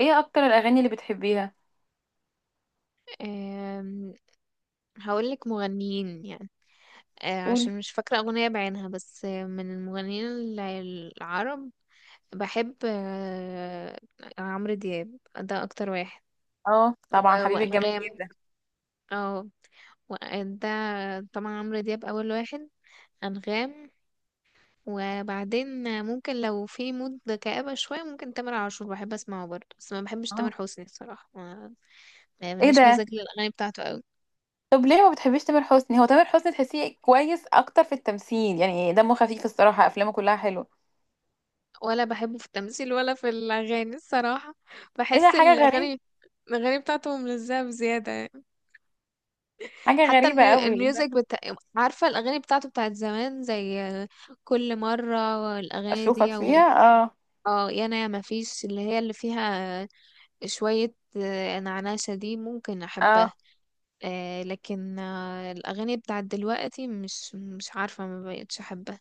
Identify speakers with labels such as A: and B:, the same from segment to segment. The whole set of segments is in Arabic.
A: ايه اكتر الاغاني اللي بتحبيها؟
B: أم، هقولك مغنيين يعني.
A: قولي.
B: عشان مش فاكرة أغنية بعينها، بس من المغنيين ال- العرب. بحب عمرو دياب، ده أكتر واحد،
A: اه طبعا
B: و-
A: حبيبي الجميل
B: وأنغام.
A: ده.
B: اه، و- ده طبعا عمرو دياب أول واحد، أنغام، وبعدين ممكن لو في مود كآبة شوية ممكن تامر عاشور بحب أسمعه برضه. بس ما بحبش تامر
A: اه.
B: حسني الصراحة، يعني
A: ايه
B: ماليش
A: ده؟
B: مزاج للأغاني بتاعته أوي.
A: طب ليه ما بتحبيش تامر حسني؟ هو تامر حسني تحسيه كويس اكتر في التمثيل، يعني دمه خفيف الصراحه، افلامه كلها حلوه.
B: ولا بحبه في التمثيل ولا في الأغاني الصراحة.
A: ايه ده؟
B: بحس
A: حاجه غريبه.
B: الأغاني بتاعته ملزقة بزيادة يعني.
A: حاجه
B: حتى
A: غريبه قوي، ايه ده؟
B: الميوزك عارفة الأغاني بتاعته بتاعت زمان، زي كل مرة الأغاني
A: اشوفك
B: دي
A: فيها. اه.
B: اه، يا انا يا ما فيش اللي هي اللي فيها. شوية نعناشة دي ممكن
A: اه
B: أحبها. لكن الأغاني بتاعت دلوقتي مش عارفة، ما بقتش أحبها.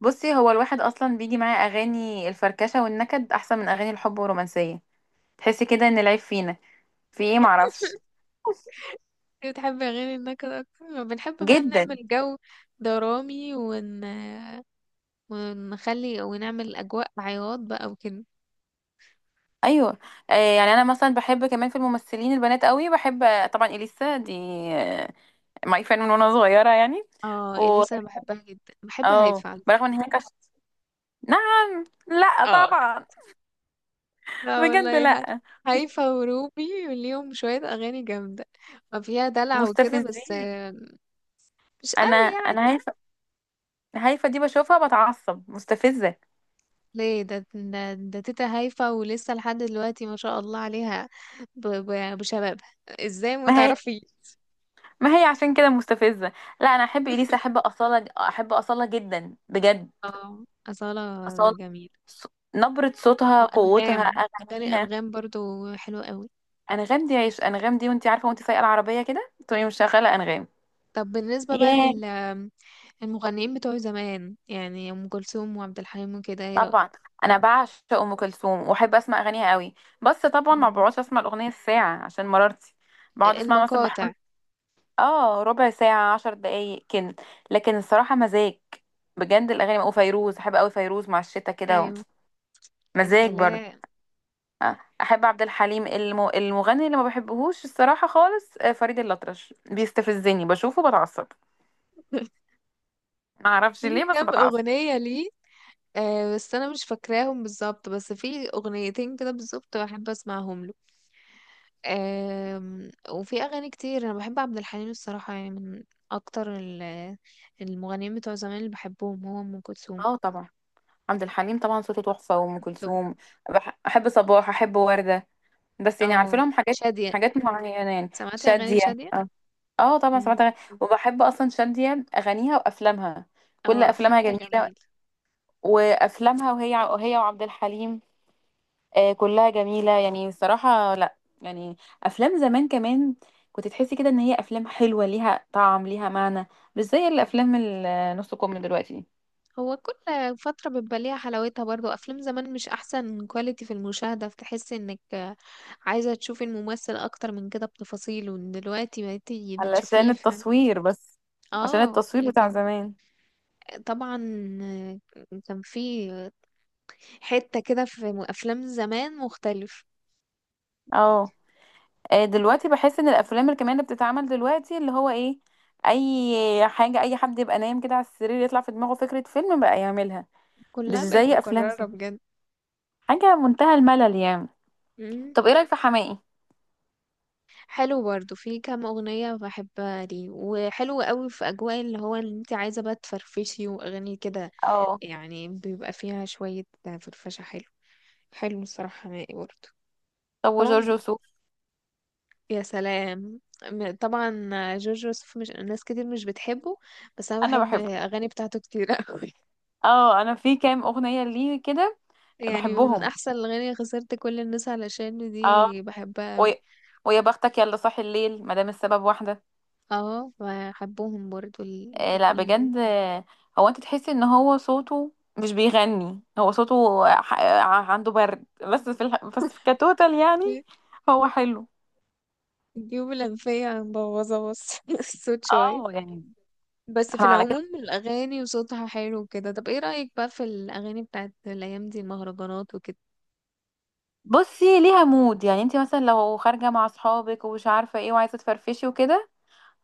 A: بصي، هو الواحد اصلا بيجي معاه اغاني الفركشه والنكد احسن من اغاني الحب والرومانسيه. تحسي كده ان العيب فينا في ايه؟ معرفش.
B: بتحب أغاني النكد أكتر، بنحب بقى
A: جدا.
B: نعمل جو درامي، ون ونخلي ونعمل أجواء عياط بقى وكده.
A: ايوه. يعني انا مثلا بحب كمان في الممثلين البنات قوي، بحب طبعا اليسا دي ماي فان من وانا صغيره يعني.
B: اه،
A: و
B: إليسا بحبها جدا، بحب
A: اه
B: هايفا على فكرة.
A: برغم ان هي كش... نعم، لا
B: اه،
A: طبعا.
B: لا
A: بجد
B: والله،
A: لا.
B: هايفا وروبي ليهم شوية أغاني جامدة، فيها دلع وكده، بس
A: مستفزين.
B: مش
A: انا
B: قوي
A: انا
B: يعني.
A: هايفه. هايفه دي بشوفها بتعصب، مستفزه.
B: ليه؟ ده تيتا هايفا، ولسه لحد دلوقتي ما شاء الله عليها بشبابها، ازاي ما
A: ما هي،
B: تعرفي.
A: ما هي عشان كده مستفزه. لا انا احب اليسا، احب اصاله، احب اصاله جدا بجد.
B: اه، أصالة
A: اصاله.
B: جميلة.
A: ص- نبره صوتها، قوتها،
B: وأنغام، أغاني
A: اغانيها.
B: أنغام برضو حلوة قوي.
A: انغام دي عيش، انغام دي وانت عارفه وانت سايقه العربيه كده تقومي مشغله انغام.
B: طب بالنسبة بقى
A: ياه.
B: المغنيين بتوع زمان، يعني أم كلثوم وعبد الحليم وكده، ايه رأيك؟
A: طبعا انا بعشق ام كلثوم واحب اسمع اغانيها قوي. بس طبعا ما
B: مم.
A: بقعدش اسمع الاغنيه الساعه عشان مرارتي. بقعد اسمع مثلا
B: المقاطع.
A: بحوالي اه ربع ساعه، عشر دقايق كده. لكن الصراحه مزاج. بجد الاغاني، وفيروز احب قوي، فيروز مع الشتاء كده
B: أيوه. يا
A: مزاج برضه.
B: سلام.
A: احب عبد الحليم، الم... المغني اللي ما بحبهوش الصراحه خالص فريد الأطرش، بيستفزني، بشوفه بتعصب. ما اعرفش
B: في
A: ليه بس
B: كام
A: بتعصب.
B: أغنية ليه، بس أنا مش فاكراهم بالظبط، بس في أغنيتين كده بالظبط بحب أسمعهم له. آه وفي أغاني كتير أنا بحب عبد الحليم الصراحة، يعني من أكتر المغنيين بتوع زمان اللي بحبهم، هو أم كلثوم.
A: اه طبعا. عبد الحليم طبعا صوته تحفة، وأم
B: طب.
A: كلثوم. بح- أحب صباح، أحب وردة، بس يعني عارفة
B: اه،
A: لهم حاجات،
B: شادية.
A: حاجات معينة، يعني
B: سمعتي أغاني
A: شادية.
B: شادية؟
A: اه. آه طبعا سمعت
B: مم.
A: أغاني. وبحب أصلا شادية، أغانيها وأفلامها، كل
B: اه،
A: أفلامها
B: افلامها
A: جميلة.
B: جميل.
A: وأفلامها، وهي، وهي وعبد الحليم، آه كلها جميلة يعني الصراحة. لا يعني أفلام زمان كمان، كنت تحسي كده إن هي أفلام حلوة، ليها طعم، ليها معنى، مش زي الأفلام النص كم دلوقتي.
B: هو كل فترة بيبقى ليها حلاوتها برضو. افلام زمان مش احسن كواليتي في المشاهدة، فتحس انك عايزة تشوفي الممثل اكتر من كده بتفاصيله. دلوقتي بقيتي
A: علشان
B: بتشوفيه
A: التصوير بس، عشان
B: اه،
A: التصوير بتاع
B: لكن
A: زمان.
B: طبعا كان في حتة كده في افلام زمان مختلف.
A: اه. دلوقتي بحس ان الافلام الكمان اللي بتتعمل دلوقتي، اللي هو ايه، اي حاجه، اي حد يبقى نايم كده على السرير يطلع في دماغه فكره فيلم بقى يعملها. مش
B: كلها بقت
A: زي افلام
B: مكررة
A: زمان.
B: بجد.
A: حاجه منتهى الملل يعني.
B: مم.
A: طب ايه رايك في حماقي؟
B: حلو برضو، في كام أغنية بحبها لي، وحلو قوي في أجواء اللي هو اللي انت عايزة بقى تفرفشي وأغاني كده،
A: اه.
B: يعني بيبقى فيها شوية فرفشة. حلو. حلو الصراحة نهائي برضه.
A: طب
B: طبعا.
A: وجورج وسوف؟
B: يا سلام. طبعا. جورج وسوف مش ناس كتير مش بتحبه، بس أنا
A: انا
B: بحب
A: بحبه.
B: أغاني بتاعته كتير أوي.
A: اه انا في كام اغنيه ليه كده.
B: يعني من
A: بحبهم.
B: أحسن الأغاني خسرت كل الناس، علشان
A: اه.
B: دي بحبها أوي.
A: ويا، ويا بختك، يلا صاحي الليل، ما دام السبب واحده.
B: اه، بحبهم برضه
A: لا
B: الاتنين دول.
A: بجد هو انت تحسي ان هو صوته مش بيغني، هو صوته ح- ع- عنده برد، بس في الح... بس في كتوتال يعني، هو حلو.
B: الجيوب الأنفية مبوظة بس، الصوت شوية.
A: اه يعني.
B: بس في
A: احنا على
B: العموم
A: كده.
B: الأغاني وصوتها حلو كده. طب ايه رأيك بقى في الأغاني بتاعت الأيام دي، المهرجانات وكده؟
A: بصي ليها مود، يعني انت مثلا لو خارجه مع اصحابك ومش عارفه ايه وعايزه تفرفشي وكده.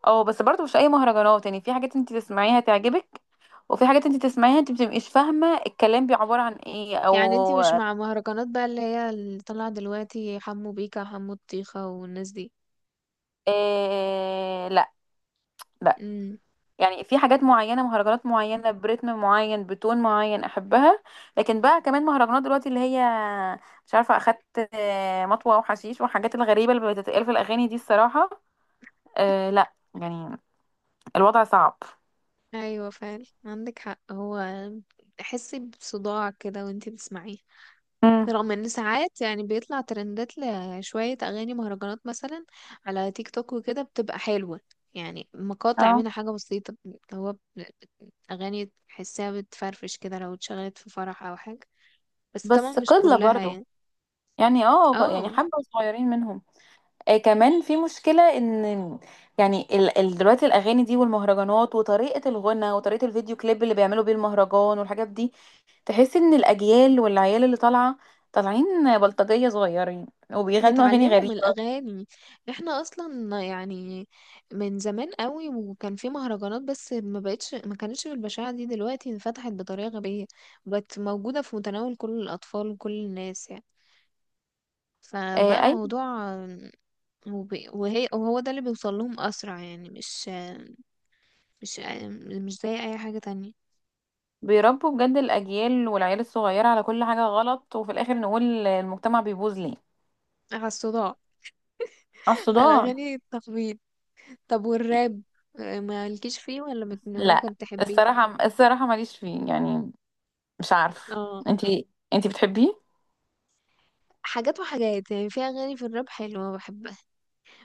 A: اه بس برضو مش اي مهرجانات، يعني في حاجات انت تسمعيها تعجبك، وفي حاجات انت تسمعيها انت بتبقيش فاهمه الكلام بي عباره عن ايه او...
B: يعني انتي مش مع مهرجانات بقى اللي هي اللي طالعة دلوقتي، حمو بيكا وحمو الطيخة والناس دي؟
A: إيه لا. لا
B: امم.
A: يعني في حاجات معينة، مهرجانات معينة، برتم معين، بتون معين أحبها. لكن بقى كمان مهرجانات دلوقتي اللي هي مش عارفة أخدت مطوة وحشيش والحاجات الغريبة اللي بتتقال في الأغاني دي الصراحة. أه لا يعني، الوضع صعب.
B: ايوه فعلا عندك حق. هو تحسي بصداع كده وانتي بتسمعيه.
A: امم.
B: رغم ان ساعات يعني بيطلع ترندات لشوية اغاني مهرجانات مثلا على تيك توك وكده، بتبقى حلوة، يعني مقاطع
A: اه
B: منها حاجة بسيطة. هو اغاني تحسيها بتفرفش كده لو اتشغلت في فرح او حاجة، بس طبعا
A: بس
B: مش
A: قلة
B: كلها
A: برضو،
B: يعني.
A: يعني اه يعني
B: اه،
A: حبة صغيرين منهم. آه كمان في مشكلة ان، يعني ال دلوقتي الأغاني دي والمهرجانات وطريقة الغنى وطريقة الفيديو كليب اللي بيعملوا بيه المهرجان والحاجات دي، تحس ان الاجيال والعيال اللي طالعه، طالعين بلطجيه صغيرين وبيغنوا اغاني
B: بيتعلموا من
A: غريبه.
B: الأغاني. احنا أصلا يعني من زمان قوي وكان في مهرجانات، بس ما بقتش، ما كانتش بالبشاعة دي. دلوقتي انفتحت بطريقة غبية، بقت موجودة في متناول كل الأطفال وكل الناس يعني،
A: آه
B: فبقى
A: اي.
B: الموضوع وهي وهو ده اللي بيوصل لهم أسرع يعني، مش مش زي أي حاجة تانية.
A: بيربوا بجد الاجيال والعيال الصغيره على كل حاجه غلط، وفي الاخر نقول المجتمع بيبوظ ليه.
B: على الصداع.
A: على
B: على
A: الصداع.
B: أغاني التخبيط. طب والراب، ما لكيش فيه، ولا
A: لا
B: ممكن تحبيه؟
A: الصراحه، الصراحه ماليش فيه يعني، مش عارف.
B: اه،
A: انتي بتحبيه؟
B: حاجات وحاجات، يعني في اغاني في الراب حلوه بحبها،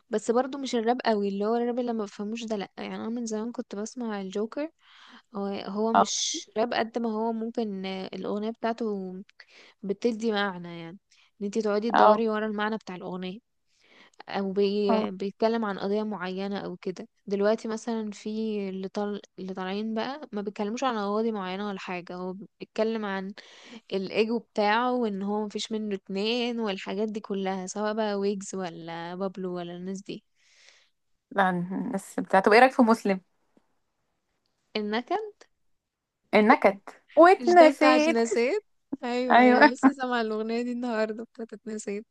B: بس برضو مش الراب قوي، اللي هو الراب اللي ما بفهموش ده لا، يعني انا من زمان كنت بسمع الجوكر. هو
A: اه.
B: مش راب قد ما هو ممكن، الاغنيه بتاعته بتدي معنى يعني، ان انتي تقعدي
A: اه.
B: تدوري ورا المعنى بتاع الاغنيه، او
A: اه
B: بيتكلم عن قضيه معينه او كده. دلوقتي مثلا في اللي طالعين بقى ما بيتكلموش عن قضايا معينه ولا حاجه، هو بيتكلم عن الايجو بتاعه، وان هو مفيش منه اتنين والحاجات دي كلها، سواء بقى ويجز ولا بابلو ولا الناس دي.
A: لا. الناس بتاع، طب ايه رايك في مسلم
B: النكد.
A: النكد
B: مش ده بتاع
A: واتنسيت؟
B: اتنسيت؟ ايوه، ايوه،
A: ايوه.
B: لسه سامعه الاغنيه دي النهارده بتاعت اتنسيت.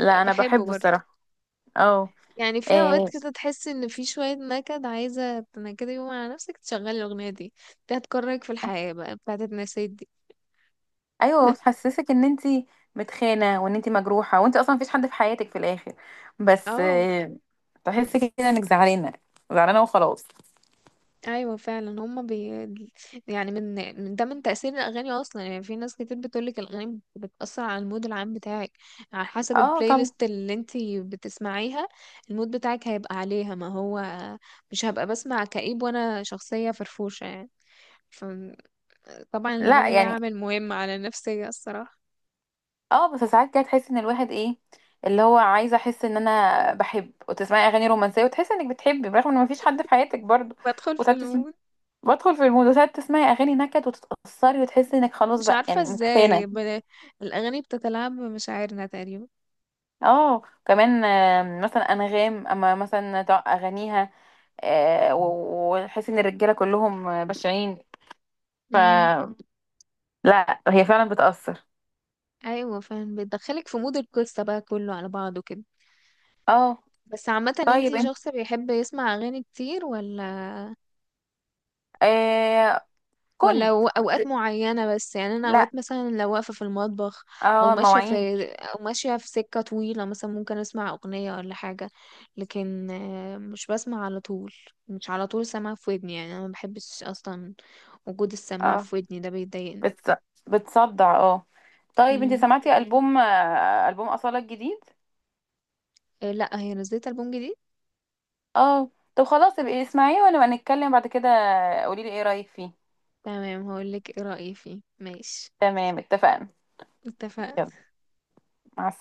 A: لا انا
B: بحبه
A: بحبه
B: برضه،
A: الصراحه. اه.
B: يعني في اوقات
A: آه،
B: كده تحس ان في شوية نكد، عايزة تنكدي يوم على نفسك تشغلي الاغنية دي. دي هتكرهك في الحياة بقى، بتاعت النسيت دي.
A: ايوه بتحسسك ان انت متخانه، وان انت مجروحه، وانت اصلا مفيش حد في حياتك في الاخر، بس
B: اه.
A: آه، تحسي كده انك زعلانه، زعلانه وخلاص.
B: ايوه فعلا، هما يعني، من ده، من تأثير الاغاني اصلا يعني. في ناس كتير بتقولك الاغاني بتأثر على المود العام بتاعك، على حسب
A: اه
B: البلاي
A: طبعا.
B: ليست اللي انتي بتسمعيها. المود بتاعك هيبقى عليها، ما هو مش هبقى بسمع كئيب وانا شخصية فرفوشة يعني. فطبعا
A: لا
B: الاغاني ليها
A: يعني،
B: عامل مهم على النفسية الصراحة.
A: اه بس ساعات كده تحسي ان الواحد ايه، اللي هو عايزه احس ان انا بحب وتسمعي اغاني رومانسيه وتحسي انك بتحبي برغم ان مفيش حد في حياتك برضه.
B: بدخل في
A: وساعات تسمعي،
B: المود.
A: بدخل في المود، وساعات تسمعي اغاني نكد وتتاثري وتحسي انك خلاص
B: مش
A: بقى
B: عارفة
A: يعني متخانه.
B: ازاي الاغاني بتتلاعب بمشاعرنا تقريبا.
A: اه كمان مثلا انغام، اما مثلا تع- اغانيها و- وتحس ان الرجاله كلهم بشعين.
B: امم.
A: لا هي فعلا بتأثر.
B: ايوه فعلا، بتدخلك في مود القصة بقى كله على بعضه كده.
A: اه.
B: بس عامة،
A: طيب
B: انتي
A: انت
B: شخص بيحب يسمع اغاني كتير، ولا
A: آه كنت...
B: اوقات معينة بس؟ يعني انا
A: لا.
B: اوقات مثلا لو واقفة في المطبخ، او
A: اه
B: ماشية
A: مواعين.
B: في سكة طويلة مثلا، ممكن اسمع اغنية ولا حاجة، لكن مش بسمع على طول. مش على طول سامعة في ودني، يعني انا ما بحبش اصلا وجود السماعة
A: اه
B: في ودني، ده بيضايقني.
A: بتص... بتصدع اه. طيب انت
B: امم.
A: سمعتي ألبوم ألبوم أصالة الجديد؟
B: إيه، لا هي نزلت ألبوم جديد.
A: اه. طب خلاص ابقي اسمعيه ونبقى نتكلم بعد كده، قولي لي ايه رأيك فيه.
B: تمام، هقولك ايه رأيي فيه، ماشي.
A: تمام اتفقنا. يلا.
B: اتفقنا.
A: مع